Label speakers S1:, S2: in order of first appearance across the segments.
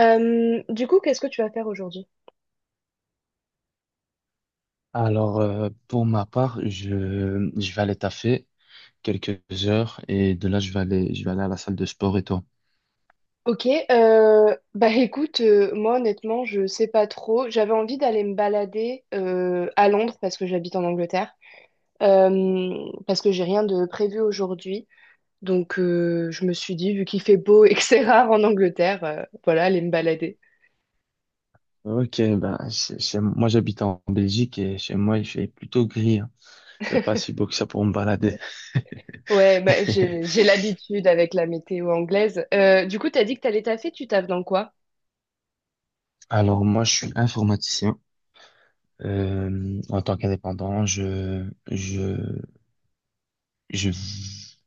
S1: Du coup, qu'est-ce que tu vas faire aujourd'hui?
S2: Alors, pour ma part, je vais aller taffer quelques heures et de là, je vais aller à la salle de sport. Et toi?
S1: Ok, bah écoute, moi honnêtement, je sais pas trop. J'avais envie d'aller me balader à Londres parce que j'habite en Angleterre, euh, parce que j'ai rien de prévu aujourd'hui. Donc je me suis dit, vu qu'il fait beau et que c'est rare en Angleterre, voilà, aller me balader.
S2: Ok, ben, moi, j'habite en Belgique et chez moi, il fait plutôt gris. Hein. C'est pas si beau que ça pour me balader.
S1: Ouais, bah j'ai l'habitude avec la météo anglaise. Du coup, t'as dit que t'allais taffer, tu taffes dans quoi?
S2: Alors, moi, je suis informaticien. En tant qu'indépendant, je,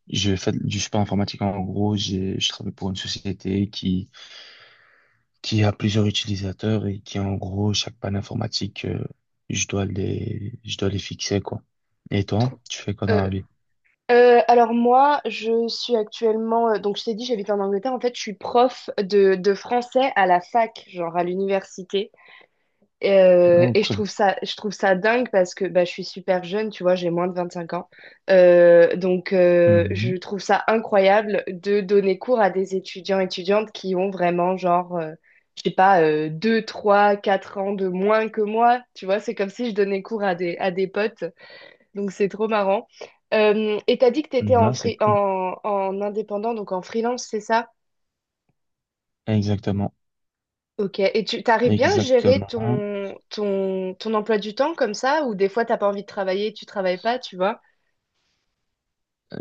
S2: je fais du support informatique. En gros, je travaille pour une société qui a plusieurs utilisateurs et qui, en gros, chaque panne informatique, je dois les fixer, quoi. Et toi,
S1: Trou-
S2: tu fais quoi dans la vie?
S1: alors moi, je suis actuellement, donc je t'ai dit, j'habite en Angleterre. En fait, je suis prof de français à la fac, genre à l'université. Euh,
S2: Oh,
S1: et je
S2: cool.
S1: trouve ça, je trouve ça dingue parce que bah, je suis super jeune, tu vois, j'ai moins de 25 ans. Donc
S2: Mhm.
S1: je trouve ça incroyable de donner cours à des étudiants, étudiantes qui ont vraiment genre, je sais pas, 2, 3, 4 ans de moins que moi. Tu vois, c'est comme si je donnais cours à des potes. Donc c'est trop marrant. Et t'as dit que t'étais en,
S2: Non, c'est
S1: free-
S2: cool.
S1: en, en indépendant, donc en freelance, c'est ça?
S2: Exactement.
S1: Ok. Et tu t'arrives bien à gérer
S2: Exactement.
S1: ton emploi du temps comme ça, ou des fois t'as pas envie de travailler, tu travailles pas, tu vois?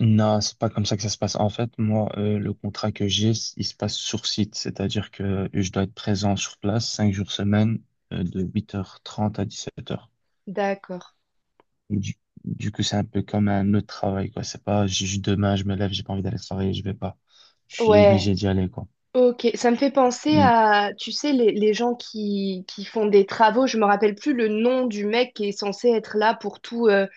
S2: Non, c'est pas comme ça que ça se passe. En fait, moi, le contrat que j'ai, il se passe sur site. C'est-à-dire que je dois être présent sur place 5 jours semaine, de 8h30 à 17h.
S1: D'accord.
S2: Du, du coup, c'est un peu comme un autre travail, quoi. C'est pas juste demain, je me lève, j'ai pas envie d'aller travailler, je vais pas. Je suis
S1: Ouais.
S2: obligé d'y aller, quoi.
S1: Ok. Ça me fait penser
S2: Mm.
S1: à, tu sais, les gens qui font des travaux, je me rappelle plus le nom du mec qui est censé être là pour tout,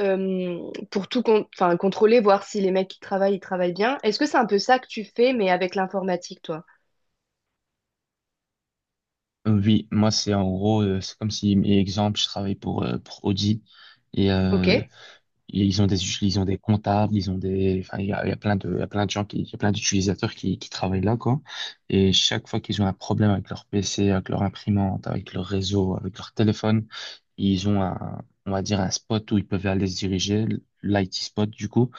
S1: euh, enfin, contrôler, voir si les mecs qui travaillent, ils travaillent bien. Est-ce que c'est un peu ça que tu fais, mais avec l'informatique, toi?
S2: Oui, moi, c'est en gros, c'est comme si, exemple, je travaille pour Audi et
S1: Ok,
S2: ils ont des comptables, enfin, il y a plein de gens il y a plein d'utilisateurs qui travaillent là, quoi. Et chaque fois qu'ils ont un problème avec leur PC, avec leur imprimante, avec leur réseau, avec leur téléphone, ils ont un, on va dire, un spot où ils peuvent aller se diriger, l'IT spot, du coup.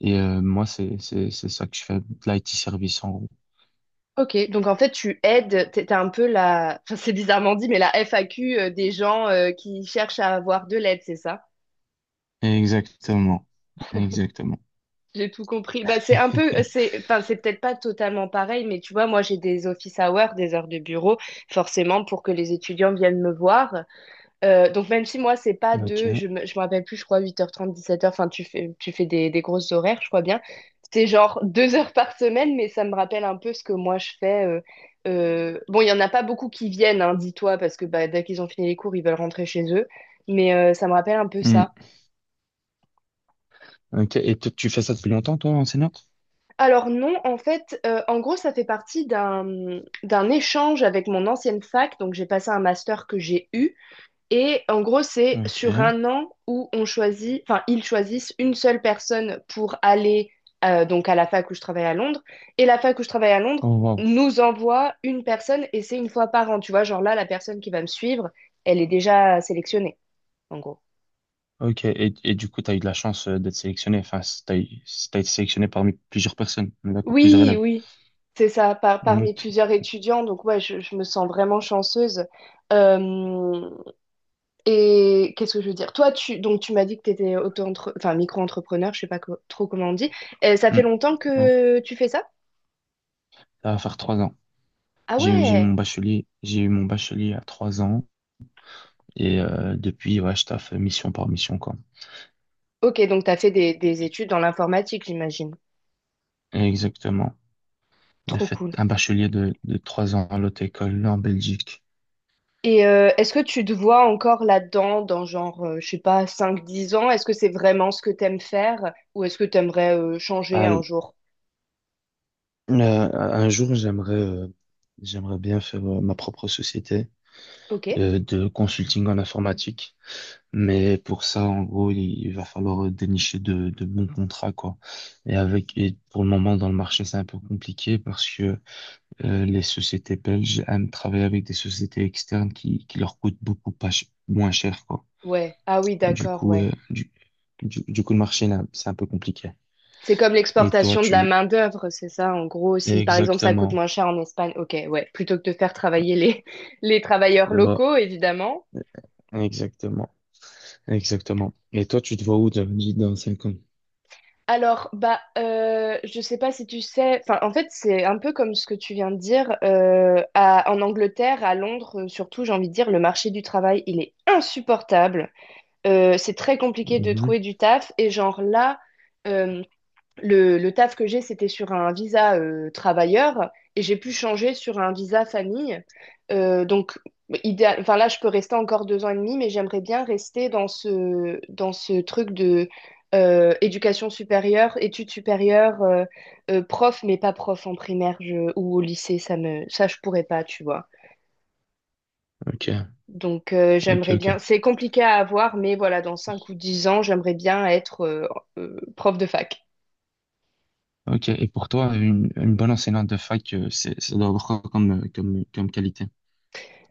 S2: Et moi, c'est ça que je fais, de l'IT service en gros.
S1: ok. Donc en fait, tu aides, t'es un peu la, enfin, c'est bizarrement dit, mais la FAQ des gens qui cherchent à avoir de l'aide, c'est ça?
S2: Exactement. Exactement.
S1: J'ai tout compris. Bah, c'est un peu, c'est, enfin, c'est peut-être pas totalement pareil, mais tu vois, moi, j'ai des office hours, des heures de bureau, forcément, pour que les étudiants viennent me voir. Donc même si moi c'est pas de,
S2: Ok.
S1: je me rappelle plus, je crois 8h30, 17h, enfin tu fais des grosses horaires, je crois bien. C'est genre 2 heures par semaine, mais ça me rappelle un peu ce que moi je fais. Bon, il y en a pas beaucoup qui viennent, hein, dis-toi, parce que bah, dès qu'ils ont fini les cours, ils veulent rentrer chez eux. Mais ça me rappelle un peu
S2: Hmm.
S1: ça.
S2: Ok. Et tu fais ça depuis longtemps, toi, enseignante?
S1: Alors non, en fait, en gros, ça fait partie d'un échange avec mon ancienne fac. Donc j'ai passé un master que j'ai eu. Et en gros, c'est sur
S2: Ok.
S1: un an où on choisit, enfin, ils choisissent une seule personne pour aller donc à la fac où je travaille à Londres. Et la fac où je travaille à Londres
S2: Oh, wow.
S1: nous envoie une personne et c'est une fois par an. Tu vois, genre là, la personne qui va me suivre, elle est déjà sélectionnée, en gros.
S2: Ok. Et du coup, tu as eu de la chance d'être sélectionné. Enfin, tu as été sélectionné parmi plusieurs personnes. D'accord, plusieurs
S1: Oui,
S2: élèves.
S1: oui, c'est ça, parmi
S2: Ok.
S1: plusieurs étudiants. Donc, ouais, je me sens vraiment chanceuse. Euh, Et qu'est-ce que je veux dire? Toi, tu donc tu m'as dit que tu étais enfin, micro-entrepreneur, je sais pas trop comment on dit. Ça fait
S2: Hmm.
S1: longtemps
S2: Ouais.
S1: que tu fais ça?
S2: Ça va faire 3 ans.
S1: Ah
S2: J'ai eu
S1: ouais.
S2: mon bachelier. J'ai eu mon bachelier à 3 ans. Et depuis, ouais, je taffe mission par mission, quoi.
S1: Ok, donc tu as fait des études dans l'informatique, j'imagine.
S2: Exactement. J'ai
S1: Trop
S2: fait
S1: cool.
S2: un bachelier de 3 ans à l'autre école là en Belgique.
S1: Et est-ce que tu te vois encore là-dedans, dans genre, je sais pas, 5 10 ans? Est-ce que c'est vraiment ce que t'aimes faire ou est-ce que t'aimerais aimerais changer
S2: À
S1: un
S2: l-
S1: jour?
S2: un jour, j'aimerais bien faire ma propre société
S1: Ok.
S2: de consulting en informatique. Mais pour ça, en gros, il va falloir dénicher de bons contrats, quoi. Et avec, et pour le moment, dans le marché, c'est un peu compliqué parce que les sociétés belges aiment travailler avec des sociétés externes qui leur coûtent beaucoup pas ch- moins cher, quoi.
S1: Ouais. Ah oui,
S2: Du
S1: d'accord,
S2: coup,
S1: ouais.
S2: du coup, le marché, là, c'est un peu compliqué.
S1: C'est comme
S2: Et toi,
S1: l'exportation de la
S2: tu...
S1: main-d'œuvre, c'est ça, en gros. Si par exemple ça coûte
S2: Exactement.
S1: moins cher en Espagne, ok, ouais, plutôt que de faire travailler les travailleurs
S2: Va-
S1: locaux, évidemment.
S2: Exactement. Exactement. Et toi, tu te vois où, dit dans 5 ans?
S1: Alors, bah, je sais pas si tu sais, enfin, en fait, c'est un peu comme ce que tu viens de dire. En Angleterre, à Londres, surtout, j'ai envie de dire, le marché du travail, il est insupportable. C'est très compliqué de
S2: Mhm.
S1: trouver du taf. Et genre là, euh, le taf que j'ai, c'était sur un visa travailleur et j'ai pu changer sur un visa famille. Donc, idéal, enfin là, je peux rester encore 2 ans et demi, mais j'aimerais bien rester dans ce truc de éducation supérieure, études supérieures, prof, mais pas prof en primaire ou au lycée, ça, je pourrais pas, tu vois.
S2: Ok,
S1: Donc,
S2: ok,
S1: j'aimerais
S2: ok.
S1: bien, c'est compliqué à avoir, mais voilà, dans 5 ou 10 ans, j'aimerais bien être prof de fac.
S2: Ok. Et pour toi, une bonne enseignante de fac, c'est, ça doit avoir quoi comme, comme qualité?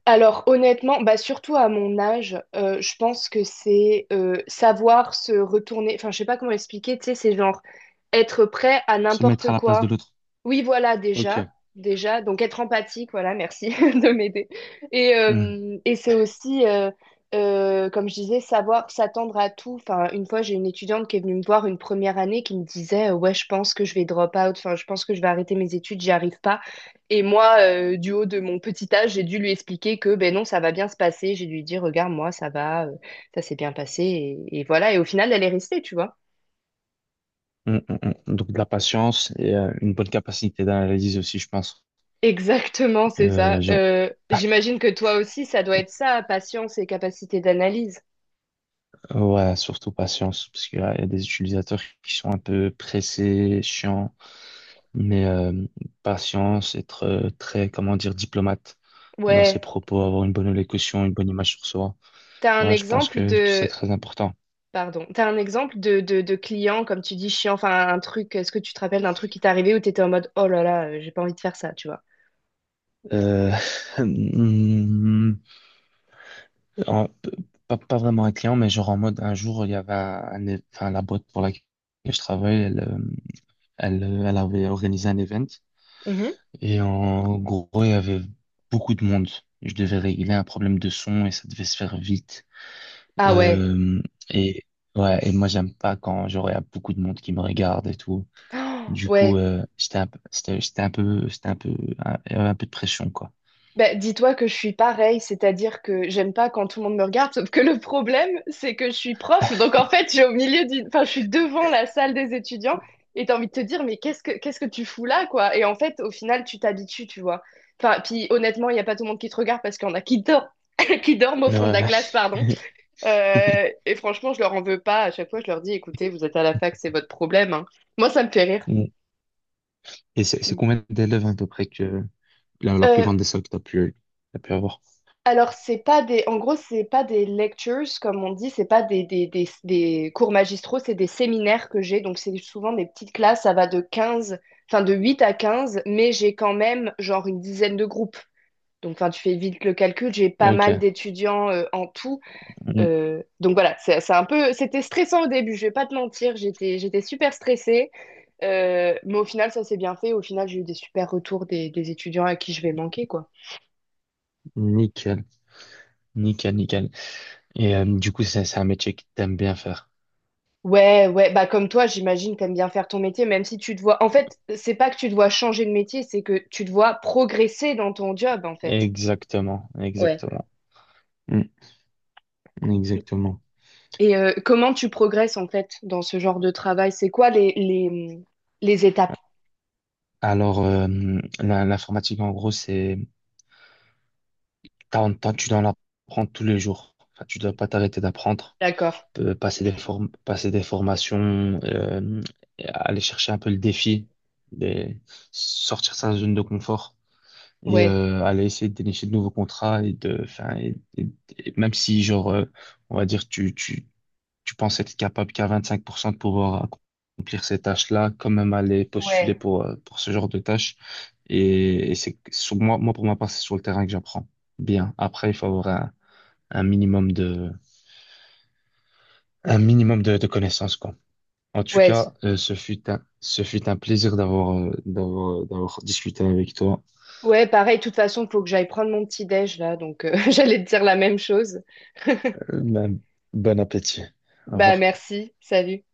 S1: Alors honnêtement, bah surtout à mon âge, je pense que c'est savoir se retourner. Enfin, je sais pas comment expliquer. Tu sais, c'est genre être prêt à
S2: Se mettre
S1: n'importe
S2: à la place de
S1: quoi.
S2: l'autre.
S1: Oui, voilà, déjà,
S2: Ok.
S1: déjà. Donc être empathique, voilà, merci de m'aider. Et
S2: Mhm.
S1: euh, et c'est aussi, comme je disais, savoir s'attendre à tout. Enfin, une fois, j'ai une étudiante qui est venue me voir une première année qui me disait, ouais, je pense que je vais drop out. Enfin, je pense que je vais arrêter mes études, j'y arrive pas. Et moi, du haut de mon petit âge, j'ai dû lui expliquer que ben non, ça va bien se passer. J'ai dû lui dire, regarde, moi, ça va, ça s'est bien passé. Et voilà. Et au final, elle est restée, tu vois.
S2: Mhm, mhm, mhm. Donc, de la patience et une bonne capacité d'analyse aussi, je pense.
S1: Exactement, c'est
S2: Euh,
S1: ça. J'imagine que toi aussi, ça doit être ça, patience et capacité d'analyse.
S2: Ouais, surtout patience, parce qu'il y a des utilisateurs qui sont un peu pressés, chiants, mais patience, être très, comment dire, diplomate dans ses
S1: Ouais.
S2: propos, avoir une bonne élocution, une bonne image sur soi.
S1: T'as un
S2: Ouais, je pense
S1: exemple
S2: que c'est
S1: de,
S2: très important.
S1: Pardon, t'as un exemple de client, comme tu dis, chiant, enfin un truc, est-ce que tu te rappelles d'un truc qui t'est arrivé où t'étais en mode, oh là là, j'ai pas envie de faire ça, tu vois.
S2: Euh, hmm, en- pas, pas vraiment un client, mais genre en mode, un jour, il y avait enfin, la boîte pour laquelle je travaille, elle avait organisé un event.
S1: Mhm.
S2: Et en gros, il y avait beaucoup de monde. Je devais régler un problème de son et ça devait se faire vite.
S1: Ah ouais.
S2: Euh, et ouais, et moi j'aime pas quand genre il y a beaucoup de monde qui me regarde et tout.
S1: Oh,
S2: Du coup,
S1: ouais.
S2: c'était un peu, il y avait un peu de pression, quoi.
S1: Bah, dis-toi que je suis pareil, c'est-à-dire que j'aime pas quand tout le monde me regarde, sauf que le problème, c'est que je suis prof, donc en fait, je suis au milieu d'une, enfin, je suis devant la salle des étudiants, et t'as envie de te dire, mais qu'est-ce que tu fous là, quoi? Et en fait, au final, tu t'habitues, tu vois. Enfin, puis honnêtement, il y a pas tout le monde qui te regarde parce qu'il y en a qui dorment, qui dorment au fond de la
S2: Ouais.
S1: classe, pardon. Et franchement, je leur en veux pas. À chaque fois, je leur dis, écoutez, vous êtes à la fac, c'est votre problème, hein. Moi, ça me fait rire.
S2: Et c'est combien d'élèves à peu près que la plus
S1: Euh,
S2: grande des salles que t'as pu avoir?
S1: Alors, c'est pas des, en gros, c'est pas des lectures, comme on dit, c'est pas des cours magistraux, c'est des séminaires que j'ai. Donc, c'est souvent des petites classes, ça va de 15, enfin, de 8 à 15, mais j'ai quand même, genre, une dizaine de groupes. Donc, enfin, tu fais vite le calcul, j'ai pas mal
S2: Ok.
S1: d'étudiants en tout.
S2: Mm.
S1: Donc, voilà, c'est un peu, c'était stressant au début, je vais pas te mentir, j'étais super stressée. Mais au final, ça s'est bien fait. Au final, j'ai eu des super retours des étudiants à qui je vais manquer, quoi.
S2: Nickel, nickel, nickel. Et du coup, c'est un métier que t'aimes bien faire.
S1: Ouais, ouais, bah comme toi, j'imagine, t'aimes bien faire ton métier, même si tu te vois. En fait, c'est pas que tu te vois changer de métier, c'est que tu te vois progresser dans ton job, en fait.
S2: Exactement,
S1: Ouais.
S2: exactement. Mm, exactement.
S1: Et comment tu progresses, en fait, dans ce genre de travail? C'est quoi les étapes?
S2: Alors, l'informatique, en gros, tu dois en apprendre tous les jours. Enfin, tu dois pas t'arrêter d'apprendre.
S1: D'accord.
S2: Passer des formations, et aller chercher un peu le défi, des- sortir de sa zone de confort et
S1: Ouais,
S2: aller essayer de dénicher de nouveaux contrats et de, enfin, et même si genre, on va dire, tu penses être capable qu'à 25% de pouvoir accomplir ces tâches-là, quand même aller postuler
S1: ouais,
S2: pour ce genre de tâches. Et c'est sur moi, moi, pour ma part, c'est sur le terrain que j'apprends bien. Après, il faut avoir un minimum de, un minimum de connaissances, quoi. En tout
S1: ouais.
S2: cas, ce fut un plaisir d'avoir, d'avoir discuté avec toi.
S1: Ouais, pareil, de toute façon, faut que j'aille prendre mon petit déj là, donc j'allais te dire la même chose.
S2: Euh, ben, bon appétit. Au
S1: Bah
S2: revoir.
S1: merci, salut.